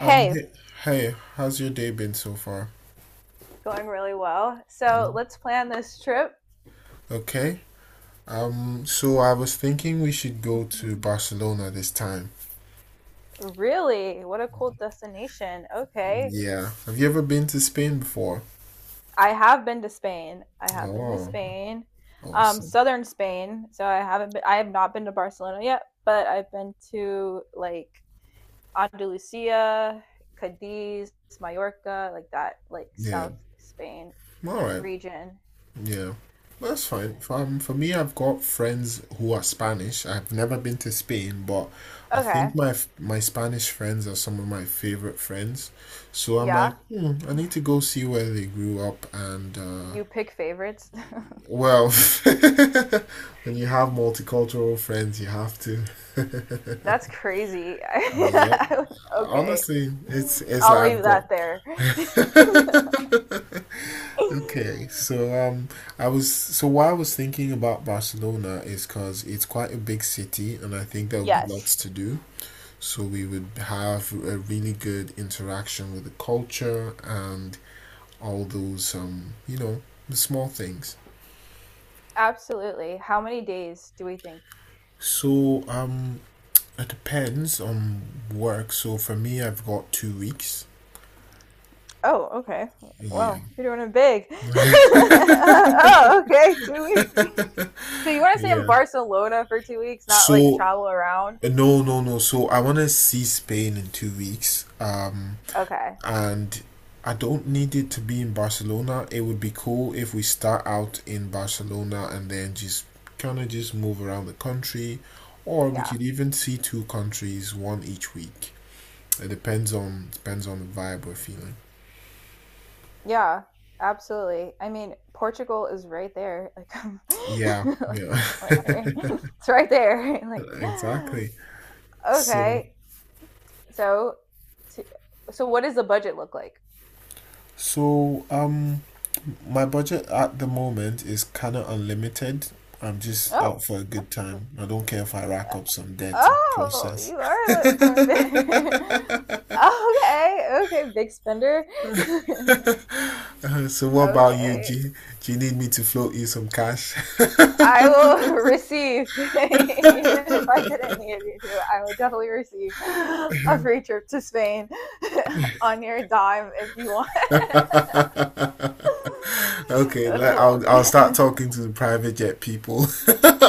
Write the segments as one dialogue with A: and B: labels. A: Hey, how's your day been so far?
B: going really well. So
A: Mm.
B: let's plan this trip.
A: Okay. So I was thinking we should go to Barcelona this time.
B: Really? What a cool destination. Okay.
A: Yeah. Have you ever been to Spain before?
B: I have been to Spain. I have been to
A: Oh,
B: Spain.
A: awesome.
B: Southern Spain. So I have not been to Barcelona yet, but I've been to like Andalusia, Cadiz, Mallorca, like that, like
A: Yeah.
B: South Spain
A: All right.
B: region.
A: Yeah. That's fine. For me, I've got friends who are Spanish. I've never been to Spain, but I think
B: Okay.
A: my Spanish friends are some of my favorite friends. So I'm
B: Yeah.
A: like, hmm, I need to go see where they grew up and
B: You pick favorites.
A: Well, when you
B: Crazy.
A: have multicultural friends, you have to.
B: That's crazy.
A: Yep.
B: Okay.
A: Honestly, it's
B: I'll
A: like I've
B: leave
A: got.
B: that there.
A: Okay. I was so why I was thinking about Barcelona is because it's quite a big city, and I think there would be lots
B: Yes,
A: to do. So we would have a really good interaction with the culture and all those the small things.
B: absolutely. How many days do we think?
A: So it depends on work. So for me, I've got 2 weeks.
B: Oh, okay.
A: Yeah.
B: Whoa, you're doing it big. Oh, okay, 2 weeks. So you want to stay in
A: Yeah.
B: Barcelona for 2 weeks, not like
A: So
B: travel around?
A: no. So I want to see Spain in 2 weeks. Um,
B: Okay.
A: and I don't need it to be in Barcelona. It would be cool if we start out in Barcelona and then just kind of just move around the country, or we
B: Yeah.
A: could even see two countries, one each week. It depends on the vibe we're feeling.
B: Yeah. Absolutely. I mean, Portugal is right there. Like,
A: Yeah,
B: like,
A: yeah.
B: like, right- it's right there. Like,
A: Exactly. So,
B: okay. So, t- so what does the budget look like?
A: so, my budget at the moment is kind of unlimited. I'm just out
B: Oh,
A: for a good
B: okay.
A: time. I don't care if I
B: Uh,
A: rack up some debt in the
B: Oh,
A: process.
B: you are lo- doing big. Okay. Okay. Big spender.
A: So what about you,
B: Okay.
A: G? Do you need me to float you some cash?
B: I will receive. Even if I didn't need you to, I would definitely receive a free trip to Spain on your dime if you want.
A: Okay,
B: That's
A: I'll start
B: hilarious.
A: talking to the private jet people.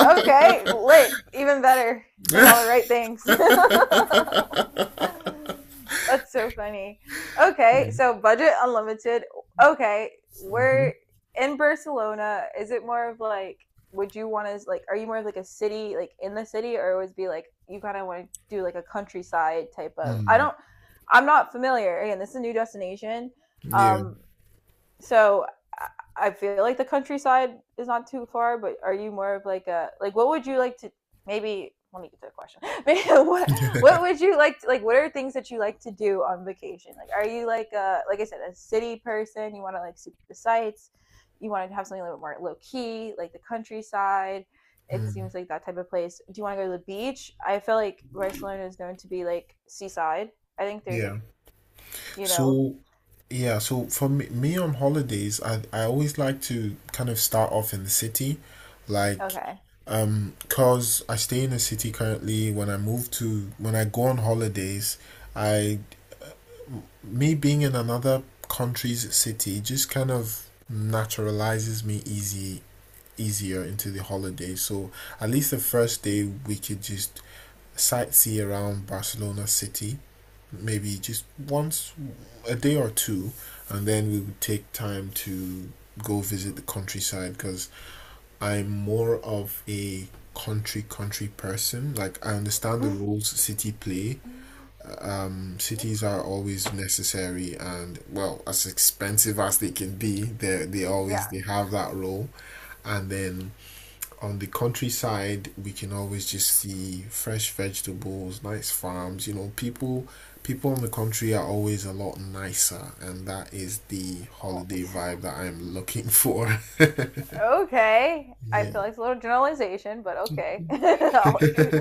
B: Okay, lit. Even better. Saying all the right things. That's so funny. Okay,
A: Mm-hmm.
B: so budget unlimited. Okay, we're in Barcelona. Is it more of like, would you want to, like, are you more of like a city, like in the city, or would it be like, you kind of want to do like a countryside type of?
A: Mm,
B: I'm not familiar. Again, this is a new destination.
A: yeah,
B: Um, so I feel like the countryside is not too far, but are you more of like a like what would you like to maybe let me get to the question. Maybe What would you like to, like what are things that you like to do on vacation? Like are you like a like I said a city person? You want to like see the sights? You want to have something a little bit more low key, like the countryside? It seems
A: mm,
B: like that type of place. Do you want to go to the beach? I feel like Barcelona is known to be like seaside. I think there's
A: yeah.
B: like, you know,
A: So yeah, so for me, me on holidays, I always like to kind of start off in the city, like,
B: okay.
A: cause I stay in the city currently. When I move to, when I go on holidays, I, me being in another country's city just kind of naturalizes me easier into the holiday. So at least the first day we could just sightsee around Barcelona city maybe just once a day or two, and then we would take time to go visit the countryside because I'm more of a country person. Like, I understand the roles city play. Um cities are always necessary, and well, as expensive as they can be, they they always
B: Yeah.
A: they have that role. And then on the countryside we can always just see fresh vegetables, nice farms, you know, people in the country are always a lot nicer, and that is the
B: Oh,
A: holiday vibe that I'm looking for.
B: okay. I
A: Yeah,
B: feel like it's a little generalization, but okay.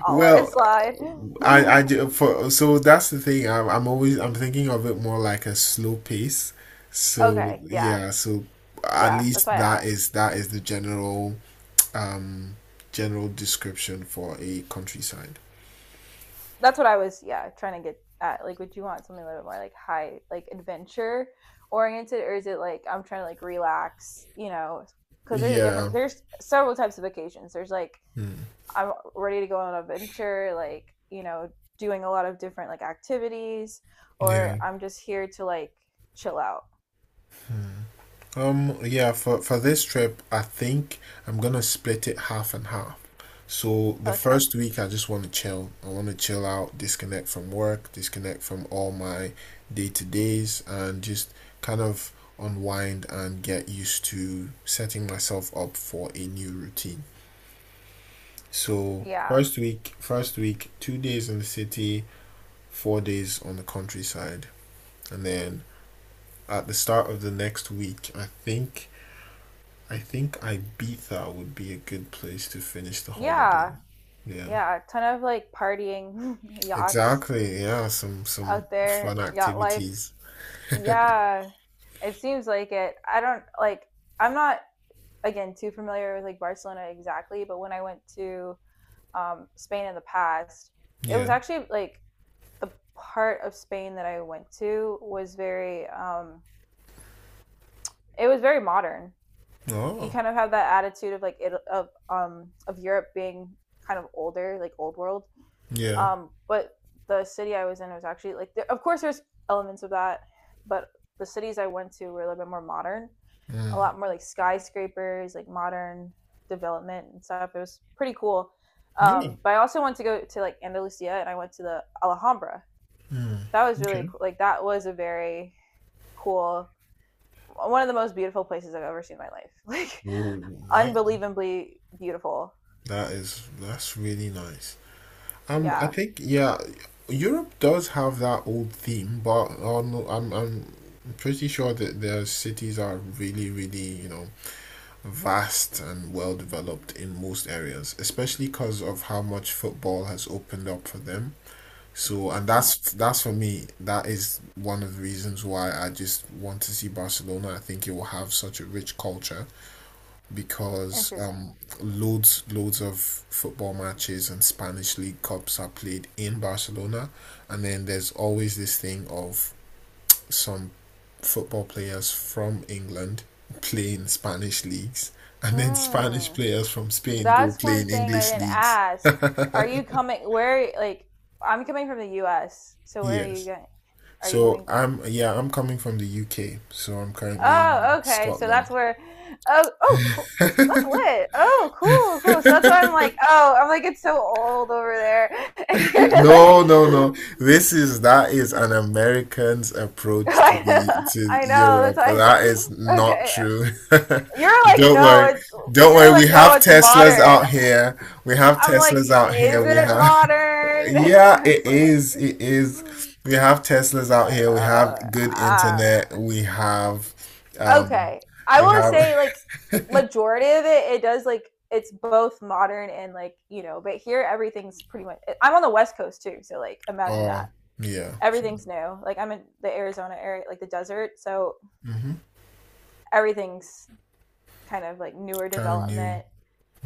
B: I'll let it
A: well,
B: slide.
A: i i do. For so that's the thing. I'm thinking of it more like a slow pace. So
B: Okay, yeah.
A: yeah, so at
B: Yeah, that's
A: least
B: why I asked.
A: that is the general um general description for a countryside.
B: That's what I was, yeah, trying to get at. Like would you want something a little bit more like high, like adventure oriented, or is it like I'm trying to like relax, you know, cuz there's a
A: Yeah.
B: different there's several types of vacations. There's like
A: Hmm.
B: I'm ready to go on an adventure, like, you know, doing a lot of different like activities, or
A: Yeah.
B: I'm just here to like chill out.
A: Yeah, for this trip, I think I'm gonna split it half and half. So the
B: Okay.
A: first week I just want to chill. I want to chill out, disconnect from work, disconnect from all my day-to-days and just kind of unwind and get used to setting myself up for a new routine. So
B: Yeah.
A: first week, 2 days in the city, 4 days on the countryside. And then at the start of the next week, I think Ibiza would be a good place to finish the
B: Yeah.
A: holiday. Yeah.
B: Yeah. A ton of like partying, yachts
A: Exactly. Yeah, some
B: out there,
A: fun
B: yacht life.
A: activities.
B: Yeah. It seems like it. I don't like I'm not again too familiar with like Barcelona exactly, but when I went to Spain in the past, it was
A: Yeah.
B: actually like the part of Spain that I went to was very it was very modern. You
A: Oh.
B: kind of have that attitude of like it of Europe being kind of older, like old world,
A: Yeah.
B: but the city I was in was actually like, there, of course, there's elements of that, but the cities I went to were a little bit more modern, a
A: Mm.
B: lot more like skyscrapers, like modern development and stuff. It was pretty cool.
A: Yeah.
B: But I also went to go to like Andalusia, and I went to the Alhambra.
A: Mm.
B: That was really
A: Okay.
B: cool. Like that was a very cool, one of the most beautiful places I've ever seen in my life, like
A: Ooh,
B: unbelievably beautiful,
A: that is that's really nice. Um, I
B: yeah.
A: think yeah, Europe does have that old theme, but I'm pretty sure that their cities are really you know vast and well developed in most areas, especially because of how much football has opened up for them. So, and
B: Mm.
A: that's for me. That is one of the reasons why I just want to see Barcelona. I think it will have such a rich culture because
B: Interesting.
A: loads of football matches and Spanish League Cups are played in Barcelona, and then there's always this thing of some football players from England play in Spanish leagues, and then Spanish
B: Mm.
A: players from Spain go
B: That's
A: play
B: one
A: in
B: thing I
A: English
B: didn't
A: leagues.
B: ask. Are you coming? Where? Like, I'm coming from the U.S. So where are you
A: Yes.
B: going? Are you
A: So
B: coming?
A: I'm coming from the UK, so I'm currently
B: Oh,
A: in
B: okay. So that's
A: Scotland.
B: where. Oh, oh, cool. That's lit. Oh, cool, cool. So that's why I'm like, oh, I'm like, it's so old over there. And you're like,
A: No, no, no. This is that is an American's approach to
B: I
A: the
B: know,
A: to
B: I know. That's
A: Europe.
B: why I said,
A: That is not
B: okay.
A: true.
B: You're like,
A: Don't
B: no,
A: worry.
B: it's.
A: Don't
B: You're
A: worry. We
B: like, no,
A: have
B: it's
A: Teslas
B: modern.
A: out here. We have
B: I'm like,
A: Teslas out
B: is
A: here. We
B: it
A: have...
B: modern?
A: Yeah,
B: I was
A: it
B: like,
A: is. It is. We have Teslas
B: I
A: out
B: don't
A: here. We have
B: know.
A: good
B: I
A: internet. We have,
B: don't know.
A: um,
B: Okay. I
A: we
B: will
A: have.
B: say, like, majority of it, it does, like, it's both modern and, like, you know, but here everything's pretty much. I'm on the West Coast too, so, like, imagine
A: Oh,
B: that.
A: yeah.
B: Everything's new. Like, I'm in the Arizona area, like the desert, so
A: Hmm.
B: everything's kind of like newer
A: Kind of new.
B: development.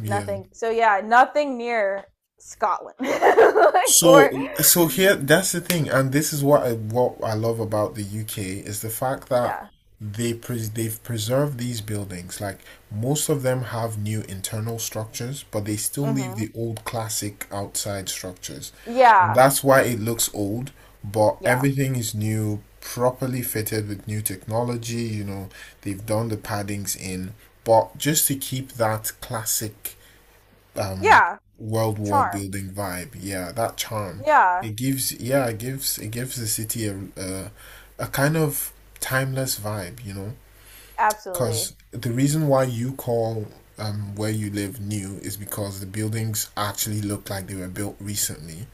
A: Yeah.
B: Nothing. So, yeah, nothing near Scotland. Like,
A: So,
B: or,
A: so here, that's the thing, and this is what I love about the UK is the fact that
B: yeah.
A: they've preserved these buildings. Like most of them have new internal structures, but they still leave
B: Mm-hmm.
A: the old classic outside structures, and
B: Yeah,
A: that's why it looks old. But
B: yeah,
A: everything is new, properly fitted with new technology. You know, they've done the paddings in, but just to keep that classic um
B: yeah.
A: world war
B: Charm.
A: building vibe. Yeah, that charm.
B: Yeah,
A: It gives, yeah, it gives the city a kind of timeless vibe, you know? Because
B: absolutely.
A: the reason why you call where you live new is because the buildings actually look like they were built recently.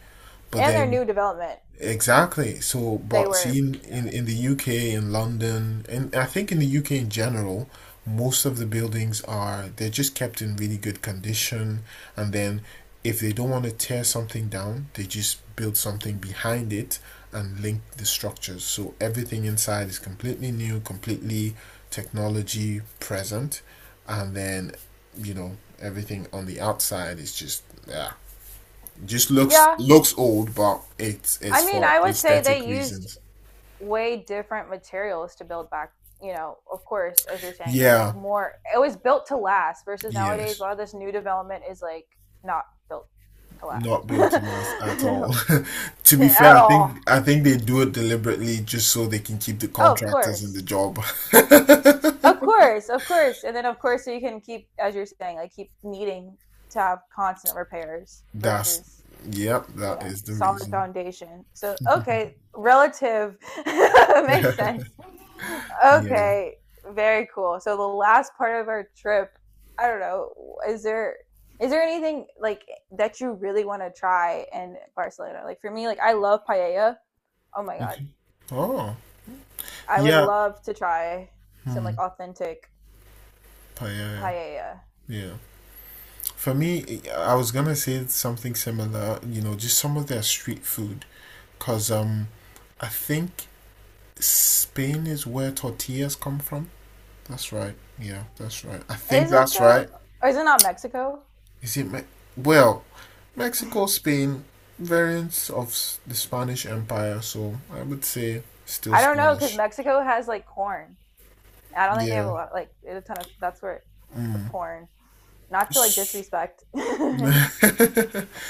A: But
B: And their
A: then
B: new development,
A: exactly. So,
B: they
A: but
B: were.
A: seeing in the UK, in London, and I think in the UK in general, most of the buildings are they're just kept in really good condition, and then if they don't want to tear something down, they just build something behind it and link the structures. So everything inside is completely new, completely technology present, and then you know everything on the outside is just yeah, just looks
B: Yeah,
A: looks old, but it's
B: I
A: it's
B: mean,
A: for
B: I would say
A: aesthetic
B: they used
A: reasons.
B: way different materials to build back. You know, of course, as you're saying, and like
A: Yeah,
B: more, it was built to last. Versus nowadays, a
A: yes,
B: lot of this new development is like not built to last
A: not built to last at all. To be fair,
B: at
A: I
B: all.
A: think I think they do it deliberately just so they can keep the
B: Oh, of
A: contractors in the
B: course.
A: job.
B: Of course, of course. And then of course, so you can keep, as you're saying, like keep needing to have constant repairs
A: That's,
B: versus,
A: yep,
B: you
A: that
B: know,
A: is the
B: solid
A: reason.
B: foundation. So okay, relative makes sense.
A: Yeah.
B: Okay, very cool. So the last part of our trip, I don't know, is there is there anything like that you really want to try in Barcelona? Like for me, like I love paella. Oh my god.
A: Okay. Oh,
B: I would
A: yeah.
B: love to try some
A: Hmm.
B: like authentic
A: Paella. Yeah,
B: paella.
A: yeah. Yeah. For me, I was gonna say something similar, you know, just some of their street food, cause I think Spain is where tortillas come from. That's right. Yeah, that's right. I think
B: Is it
A: that's
B: though?
A: right.
B: Or is it not Mexico?
A: Is it? Well, Mexico, Spain, variants of the Spanish Empire. So I would say still
B: I don't know because
A: Spanish.
B: Mexico has like corn. I don't think they have a
A: Yeah.
B: lot, like a ton of. That's where the corn. Not to like disrespect Spain,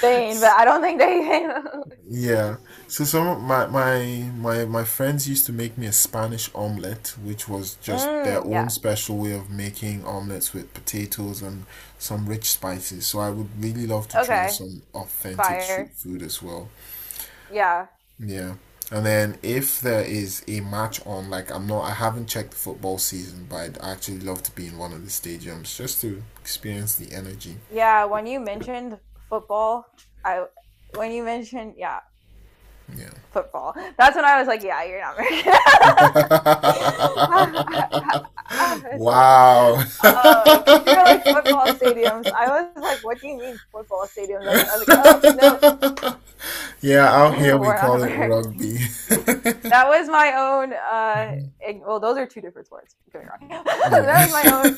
B: but I don't think they.
A: Yeah. So some of my friends used to make me a Spanish omelet, which was just their
B: Mm,
A: own
B: yeah.
A: special way of making omelets with potatoes and some rich spices. So I would really love to try
B: Okay.
A: some authentic street
B: Fire.
A: food as well.
B: Yeah.
A: Yeah. And then if there is a match on, like I haven't checked the football season, but I'd actually love to be in one of the stadiums just to experience the energy.
B: Yeah. Football, I when you mentioned, yeah,
A: Yeah.
B: football. That's when I was like, yeah, you're not American. I I, I was like,
A: Wow.
B: oh, because you're like football stadiums. I was like, what do you mean football stadiums out there? I was like, oh, no,
A: Yeah, out here we
B: we're not
A: call it rugby.
B: American. That was my own, Well, those are two different sports. Don't get me wrong.
A: Yeah.
B: That was my own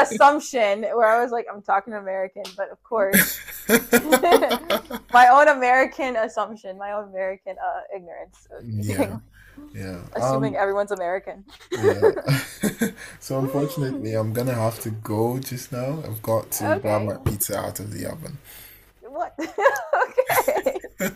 B: assumption where I was like, I'm talking American, but of course, my own American assumption, my own American ignorance of me
A: Yeah.
B: doing
A: Yeah.
B: assuming everyone's American.
A: Yeah. So unfortunately, I'm gonna have to go just now. I've got to grab my
B: Okay.
A: pizza out of the oven.
B: What? Okay.